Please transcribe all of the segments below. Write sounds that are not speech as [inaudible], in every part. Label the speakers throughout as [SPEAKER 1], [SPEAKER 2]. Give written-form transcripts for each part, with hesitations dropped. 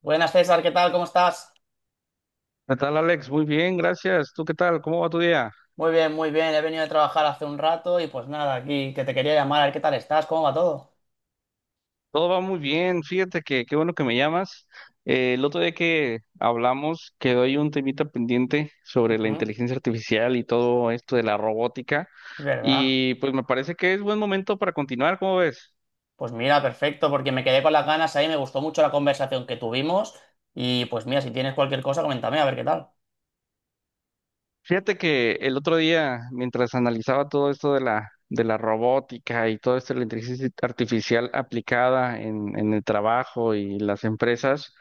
[SPEAKER 1] Buenas César, ¿qué tal? ¿Cómo estás?
[SPEAKER 2] ¿Qué tal, Alex? Muy bien, gracias. ¿Tú qué tal? ¿Cómo va tu día?
[SPEAKER 1] Muy bien, muy bien. He venido de trabajar hace un rato y pues nada, aquí que te quería llamar a ver qué tal estás, cómo va todo.
[SPEAKER 2] Todo va muy bien. Fíjate que qué bueno que me llamas. El otro día que hablamos quedó ahí un temita pendiente sobre la
[SPEAKER 1] Ujú,
[SPEAKER 2] inteligencia artificial y todo esto de la robótica.
[SPEAKER 1] ¿verdad?
[SPEAKER 2] Y pues me parece que es buen momento para continuar. ¿Cómo ves?
[SPEAKER 1] Pues mira, perfecto, porque me quedé con las ganas ahí, me gustó mucho la conversación que tuvimos y pues mira, si tienes cualquier cosa, coméntame a ver qué tal.
[SPEAKER 2] Fíjate que el otro día, mientras analizaba todo esto de la robótica y todo esto de la inteligencia artificial aplicada en el trabajo y las empresas,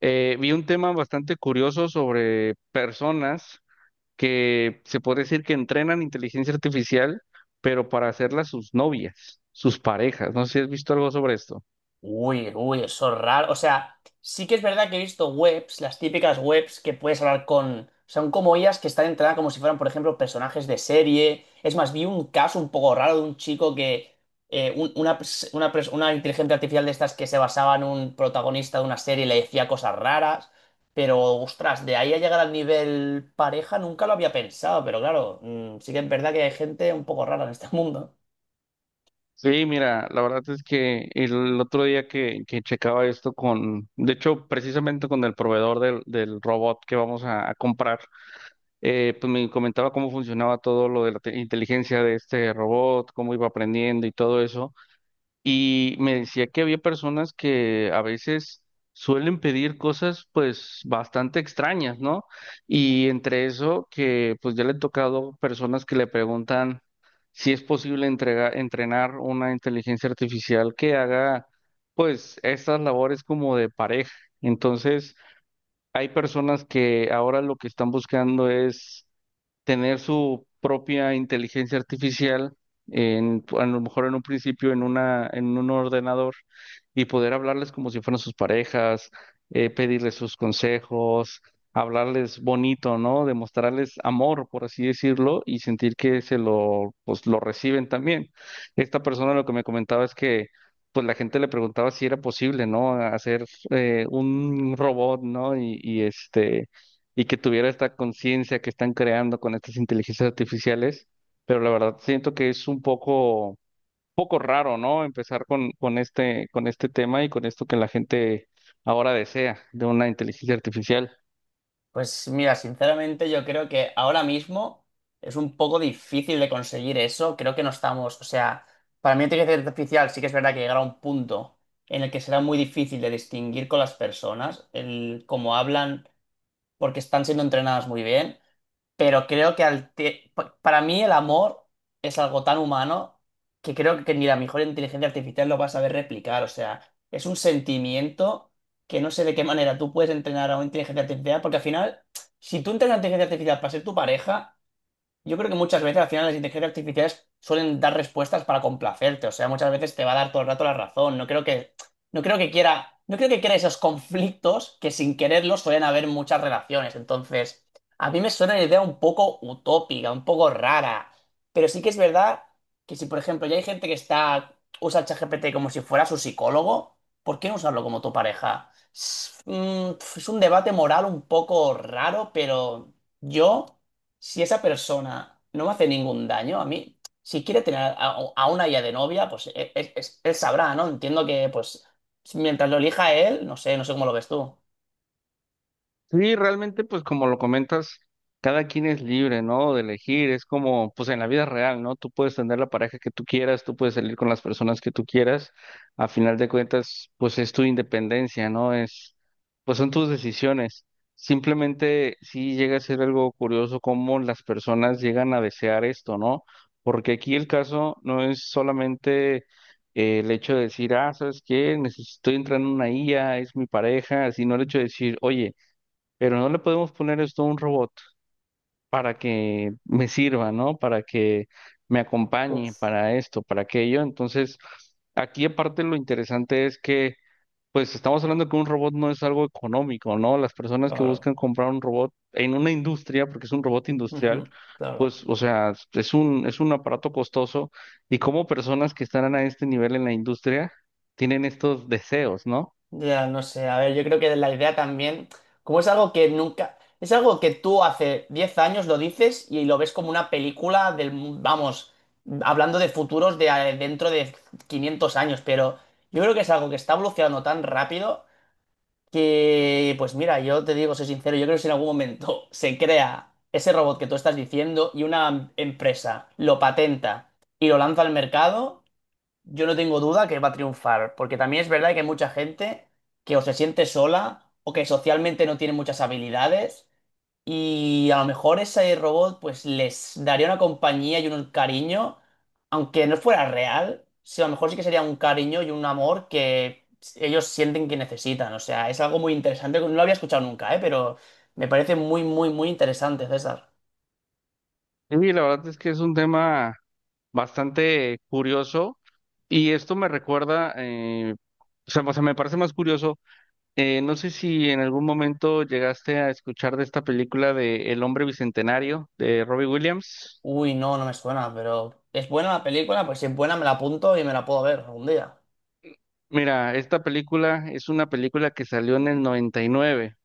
[SPEAKER 2] vi un tema bastante curioso sobre personas que se puede decir que entrenan inteligencia artificial, pero para hacerlas sus novias, sus parejas. No sé si has visto algo sobre esto.
[SPEAKER 1] Uy, uy, eso es raro. O sea, sí que es verdad que he visto webs, las típicas webs que puedes hablar con. Son como ellas que están entradas como si fueran, por ejemplo, personajes de serie. Es más, vi un caso un poco raro de un chico que. Una inteligencia artificial de estas que se basaba en un protagonista de una serie y le decía cosas raras. Pero, ostras, de ahí a llegar al nivel pareja nunca lo había pensado. Pero claro, sí que es verdad que hay gente un poco rara en este [laughs] mundo.
[SPEAKER 2] Sí, mira, la verdad es que el otro día que checaba esto con, de hecho, precisamente con el proveedor del robot que vamos a comprar, pues me comentaba cómo funcionaba todo lo de la inteligencia de este robot, cómo iba aprendiendo y todo eso. Y me decía que había personas que a veces suelen pedir cosas pues bastante extrañas, ¿no? Y entre eso que pues ya le he tocado personas que le preguntan si es posible entrenar una inteligencia artificial que haga pues estas labores como de pareja. Entonces hay personas que ahora lo que están buscando es tener su propia inteligencia artificial en, a lo mejor en un principio en en un ordenador y poder hablarles como si fueran sus parejas, pedirles sus consejos, hablarles bonito, ¿no? Demostrarles amor, por así decirlo, y sentir que se lo, pues, lo reciben también. Esta persona lo que me comentaba es que pues la gente le preguntaba si era posible, ¿no? Hacer un robot, ¿no? Y este, y que tuviera esta conciencia que están creando con estas inteligencias artificiales, pero la verdad siento que es un poco raro, ¿no? Empezar con con este tema y con esto que la gente ahora desea de una inteligencia artificial.
[SPEAKER 1] Pues mira, sinceramente yo creo que ahora mismo es un poco difícil de conseguir eso. Creo que no estamos, o sea, para mí la inteligencia artificial sí que es verdad que llegará a un punto en el que será muy difícil de distinguir con las personas, el cómo hablan, porque están siendo entrenadas muy bien. Pero creo que para mí el amor es algo tan humano que creo que ni la mejor inteligencia artificial lo va a saber replicar. O sea, es un sentimiento que no sé de qué manera tú puedes entrenar a una inteligencia artificial, porque al final, si tú entrenas a una inteligencia artificial para ser tu pareja, yo creo que muchas veces al final las inteligencias artificiales suelen dar respuestas para complacerte, o sea, muchas veces te va a dar todo el rato la razón. No creo que, no creo que quiera, no creo que quiera esos conflictos que sin quererlos suelen haber en muchas relaciones. Entonces, a mí me suena una idea un poco utópica, un poco rara, pero sí que es verdad que si, por ejemplo, ya hay gente que está usa el ChatGPT como si fuera su psicólogo, ¿por qué no usarlo como tu pareja? Es, es un debate moral un poco raro, pero yo si esa persona no me hace ningún daño, a mí, si quiere tener a una ya de novia, pues él, sabrá, ¿no? Entiendo que, pues, mientras lo elija él, no sé, no sé cómo lo ves tú.
[SPEAKER 2] Sí, realmente, pues como lo comentas, cada quien es libre, ¿no? De elegir, es como, pues en la vida real, ¿no? Tú puedes tener la pareja que tú quieras, tú puedes salir con las personas que tú quieras, a final de cuentas, pues es tu independencia, ¿no? Es, pues son tus decisiones. Simplemente sí llega a ser algo curioso cómo las personas llegan a desear esto, ¿no? Porque aquí el caso no es solamente el hecho de decir, ah, ¿sabes qué? Necesito entrar en una IA, es mi pareja, sino el hecho de decir, oye, pero no le podemos poner esto a un robot para que me sirva, ¿no? Para que me acompañe,
[SPEAKER 1] Uf,
[SPEAKER 2] para esto, para aquello. Entonces, aquí aparte lo interesante es que, pues estamos hablando que un robot no es algo económico, ¿no? Las personas que
[SPEAKER 1] claro,
[SPEAKER 2] buscan comprar un robot en una industria, porque es un robot industrial,
[SPEAKER 1] ujú, claro.
[SPEAKER 2] pues, o sea, es un aparato costoso y como personas que están a este nivel en la industria tienen estos deseos, ¿no?
[SPEAKER 1] Ya, no sé, a ver, yo creo que la idea también, como es algo que nunca, es algo que tú hace 10 años lo dices y lo ves como una película vamos, hablando de futuros de dentro de 500 años, pero yo creo que es algo que está evolucionando tan rápido. Que, pues mira, yo te digo, soy sincero, yo creo que si en algún momento [laughs] se crea ese robot que tú estás diciendo y una empresa lo patenta y lo lanza al mercado, yo no tengo duda que va a triunfar, porque también es verdad que hay mucha gente que o se siente sola o que socialmente no tiene muchas habilidades y a lo mejor ese robot pues les daría una compañía y un cariño, aunque no fuera real, sí, a lo mejor sí que sería un cariño y un amor que ellos sienten que necesitan. O sea, es algo muy interesante, no lo había escuchado nunca, ¿eh? Pero me parece muy, muy, muy interesante, César.
[SPEAKER 2] Y la verdad es que es un tema bastante curioso y esto me recuerda, o sea, me parece más curioso, no sé si en algún momento llegaste a escuchar de esta película de El hombre bicentenario de Robbie Williams.
[SPEAKER 1] Uy, no, no me suena, pero ¿es buena la película? Pues si es buena me la apunto y me la puedo ver algún día.
[SPEAKER 2] Mira, esta película es una película que salió en el 99 y nueve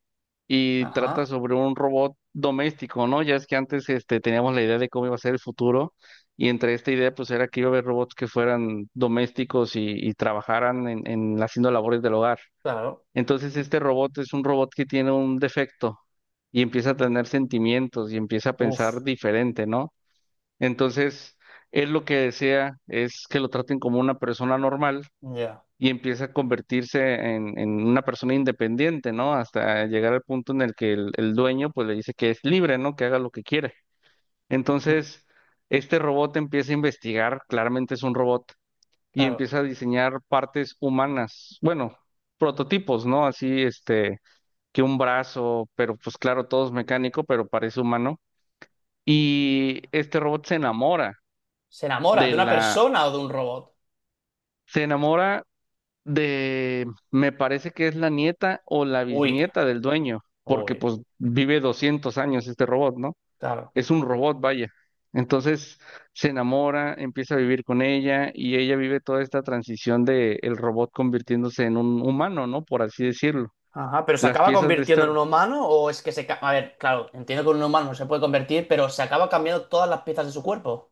[SPEAKER 2] y
[SPEAKER 1] Ajá,
[SPEAKER 2] trata sobre un robot doméstico, ¿no? Ya es que antes este, teníamos la idea de cómo iba a ser el futuro y entre esta idea pues era que iba a haber robots que fueran domésticos y trabajaran en haciendo labores del hogar.
[SPEAKER 1] claro.
[SPEAKER 2] Entonces este robot es un robot que tiene un defecto y empieza a tener sentimientos y empieza a pensar
[SPEAKER 1] Uf,
[SPEAKER 2] diferente, ¿no? Entonces, él lo que desea es que lo traten como una persona normal
[SPEAKER 1] ya.
[SPEAKER 2] y empieza a convertirse en una persona independiente, ¿no? Hasta llegar al punto en el que el dueño pues le dice que es libre, ¿no? Que haga lo que quiere.
[SPEAKER 1] Ujú,
[SPEAKER 2] Entonces, este robot empieza a investigar, claramente es un robot, y
[SPEAKER 1] claro.
[SPEAKER 2] empieza a diseñar partes humanas, bueno, prototipos, ¿no? Así, este que un brazo, pero pues claro, todo es mecánico, pero parece humano. Y este robot se enamora
[SPEAKER 1] ¿Se enamora
[SPEAKER 2] de
[SPEAKER 1] de una persona o de un robot?
[SPEAKER 2] se enamora de, me parece que es la nieta o la
[SPEAKER 1] Uy,
[SPEAKER 2] bisnieta del dueño, porque
[SPEAKER 1] uy,
[SPEAKER 2] pues vive 200 años este robot, ¿no?
[SPEAKER 1] claro.
[SPEAKER 2] Es un robot, vaya. Entonces se enamora, empieza a vivir con ella y ella vive toda esta transición de el robot convirtiéndose en un humano, ¿no? Por así decirlo.
[SPEAKER 1] Ajá, pero ¿se
[SPEAKER 2] Las
[SPEAKER 1] acaba
[SPEAKER 2] piezas de
[SPEAKER 1] convirtiendo
[SPEAKER 2] este,
[SPEAKER 1] en un humano o es que se. A ver, claro, entiendo que un humano no se puede convertir, pero se acaba cambiando todas las piezas de su cuerpo.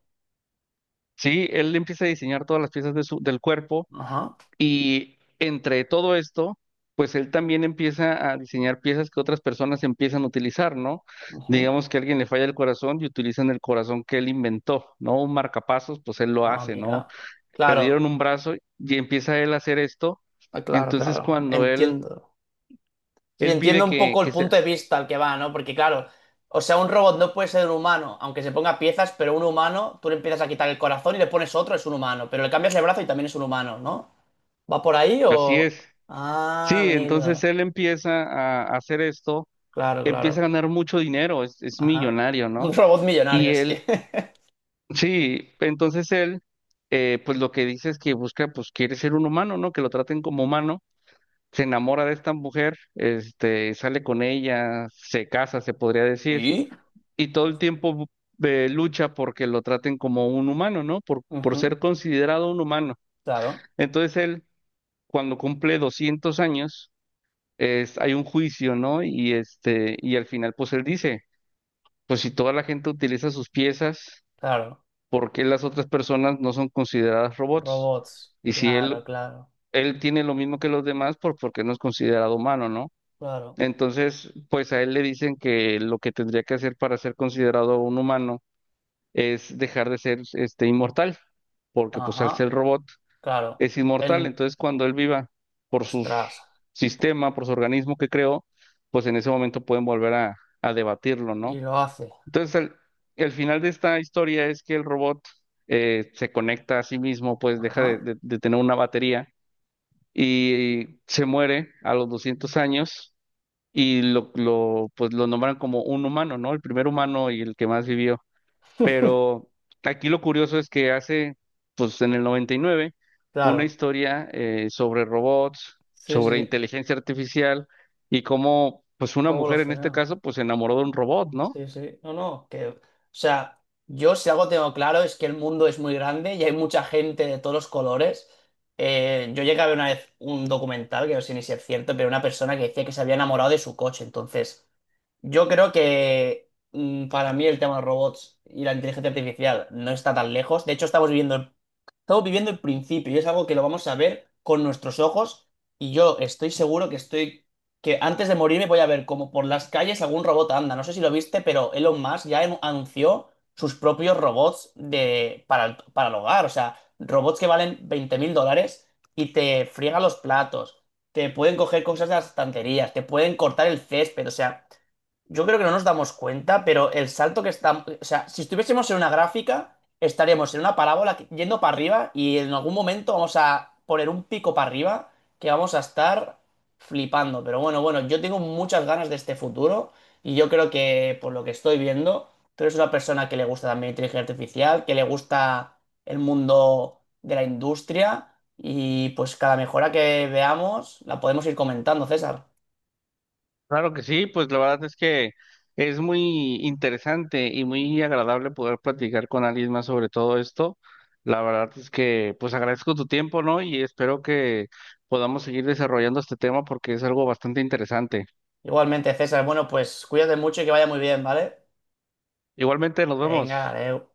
[SPEAKER 2] sí, él empieza a diseñar todas las piezas de su, del cuerpo.
[SPEAKER 1] Ajá.
[SPEAKER 2] Y entre todo esto, pues él también empieza a diseñar piezas que otras personas empiezan a utilizar, ¿no?
[SPEAKER 1] Ujú.
[SPEAKER 2] Digamos que a alguien le falla el corazón y utilizan el corazón que él inventó, ¿no? Un marcapasos, pues él lo
[SPEAKER 1] Ah,
[SPEAKER 2] hace, ¿no?
[SPEAKER 1] mira.
[SPEAKER 2] Perdieron
[SPEAKER 1] Claro,
[SPEAKER 2] un brazo y empieza él a hacer esto.
[SPEAKER 1] ah, claro,
[SPEAKER 2] Entonces
[SPEAKER 1] claro.
[SPEAKER 2] cuando él,
[SPEAKER 1] Entiendo. Sí,
[SPEAKER 2] él pide
[SPEAKER 1] entiendo un poco el
[SPEAKER 2] que sea,
[SPEAKER 1] punto de vista al que va, ¿no? Porque claro, o sea, un robot no puede ser un humano, aunque se ponga piezas, pero un humano, tú le empiezas a quitar el corazón y le pones otro, es un humano, pero le cambias el brazo y también es un humano, ¿no? ¿Va por ahí
[SPEAKER 2] así es.
[SPEAKER 1] o? Ah,
[SPEAKER 2] Sí, entonces
[SPEAKER 1] amigo.
[SPEAKER 2] él empieza a hacer esto,
[SPEAKER 1] Claro,
[SPEAKER 2] empieza a
[SPEAKER 1] claro.
[SPEAKER 2] ganar mucho dinero, es
[SPEAKER 1] Ajá.
[SPEAKER 2] millonario, ¿no?
[SPEAKER 1] Un robot millonario,
[SPEAKER 2] Y
[SPEAKER 1] es que.
[SPEAKER 2] él,
[SPEAKER 1] [laughs]
[SPEAKER 2] sí, entonces él, pues lo que dice es que busca, pues quiere ser un humano, ¿no? Que lo traten como humano, se enamora de esta mujer, este, sale con ella, se casa, se podría decir,
[SPEAKER 1] ¿Y?
[SPEAKER 2] y todo el tiempo lucha porque lo traten como un humano, ¿no? Por
[SPEAKER 1] Ujú,
[SPEAKER 2] ser considerado un humano.
[SPEAKER 1] claro,
[SPEAKER 2] Entonces él, cuando cumple 200 años, es, hay un juicio, ¿no? Y este, y al final, pues él dice, pues si toda la gente utiliza sus piezas,
[SPEAKER 1] claro.
[SPEAKER 2] por qué las otras personas no son consideradas robots.
[SPEAKER 1] Robots.
[SPEAKER 2] Y si
[SPEAKER 1] Claro,
[SPEAKER 2] él,
[SPEAKER 1] claro,
[SPEAKER 2] él tiene lo mismo que los demás, por qué no es considerado humano, ¿no?
[SPEAKER 1] claro.
[SPEAKER 2] Entonces, pues a él le dicen que lo que tendría que hacer para ser considerado un humano es dejar de ser este inmortal, porque pues al
[SPEAKER 1] Ajá,
[SPEAKER 2] ser robot
[SPEAKER 1] claro.
[SPEAKER 2] es inmortal.
[SPEAKER 1] El.
[SPEAKER 2] Entonces, cuando él viva por su
[SPEAKER 1] Ostras.
[SPEAKER 2] sistema, por su organismo que creó, pues en ese momento pueden volver a debatirlo,
[SPEAKER 1] Y
[SPEAKER 2] ¿no?
[SPEAKER 1] lo hace.
[SPEAKER 2] Entonces, el final de esta historia es que el robot se conecta a sí mismo, pues deja
[SPEAKER 1] Ajá.
[SPEAKER 2] de tener una batería y se muere a los 200 años y pues lo nombran como un humano, ¿no? El primer humano y el que más vivió. Pero aquí lo curioso es que hace, pues en el 99, una
[SPEAKER 1] Claro.
[SPEAKER 2] historia sobre robots,
[SPEAKER 1] Sí,
[SPEAKER 2] sobre
[SPEAKER 1] sí.
[SPEAKER 2] inteligencia artificial y cómo, pues una
[SPEAKER 1] ¿Cómo lo
[SPEAKER 2] mujer en este
[SPEAKER 1] freno?
[SPEAKER 2] caso, pues se enamoró de un robot, ¿no?
[SPEAKER 1] Sí, sí. No, no, que. O sea, yo si algo tengo claro es que el mundo es muy grande y hay mucha gente de todos los colores. Yo llegué a ver una vez un documental, que no sé ni si es cierto, pero una persona que decía que se había enamorado de su coche. Entonces, yo creo que para mí el tema de los robots y la inteligencia artificial no está tan lejos. De hecho, Estamos viviendo el principio y es algo que lo vamos a ver con nuestros ojos y yo estoy seguro que que antes de morirme voy a ver como por las calles algún robot anda. No sé si lo viste, pero Elon Musk ya anunció sus propios robots para el hogar. O sea, robots que valen $20.000 y te friegan los platos, te pueden coger cosas de las estanterías, te pueden cortar el césped. O sea, yo creo que no nos damos cuenta, pero el salto que está. O sea, si estuviésemos en una gráfica estaríamos en una parábola yendo para arriba y en algún momento vamos a poner un pico para arriba que vamos a estar flipando. Pero bueno, bueno, yo tengo muchas ganas de este futuro y yo creo que por lo que estoy viendo, tú eres una persona que le gusta también la inteligencia artificial, que le gusta el mundo de la industria y pues cada mejora que veamos la podemos ir comentando, César.
[SPEAKER 2] Claro que sí, pues la verdad es que es muy interesante y muy agradable poder platicar con alguien más sobre todo esto. La verdad es que pues agradezco tu tiempo, ¿no? Y espero que podamos seguir desarrollando este tema porque es algo bastante interesante.
[SPEAKER 1] Igualmente, César, bueno, pues cuídate mucho y que vaya muy bien, ¿vale?
[SPEAKER 2] Igualmente, nos
[SPEAKER 1] Venga,
[SPEAKER 2] vemos.
[SPEAKER 1] adeu.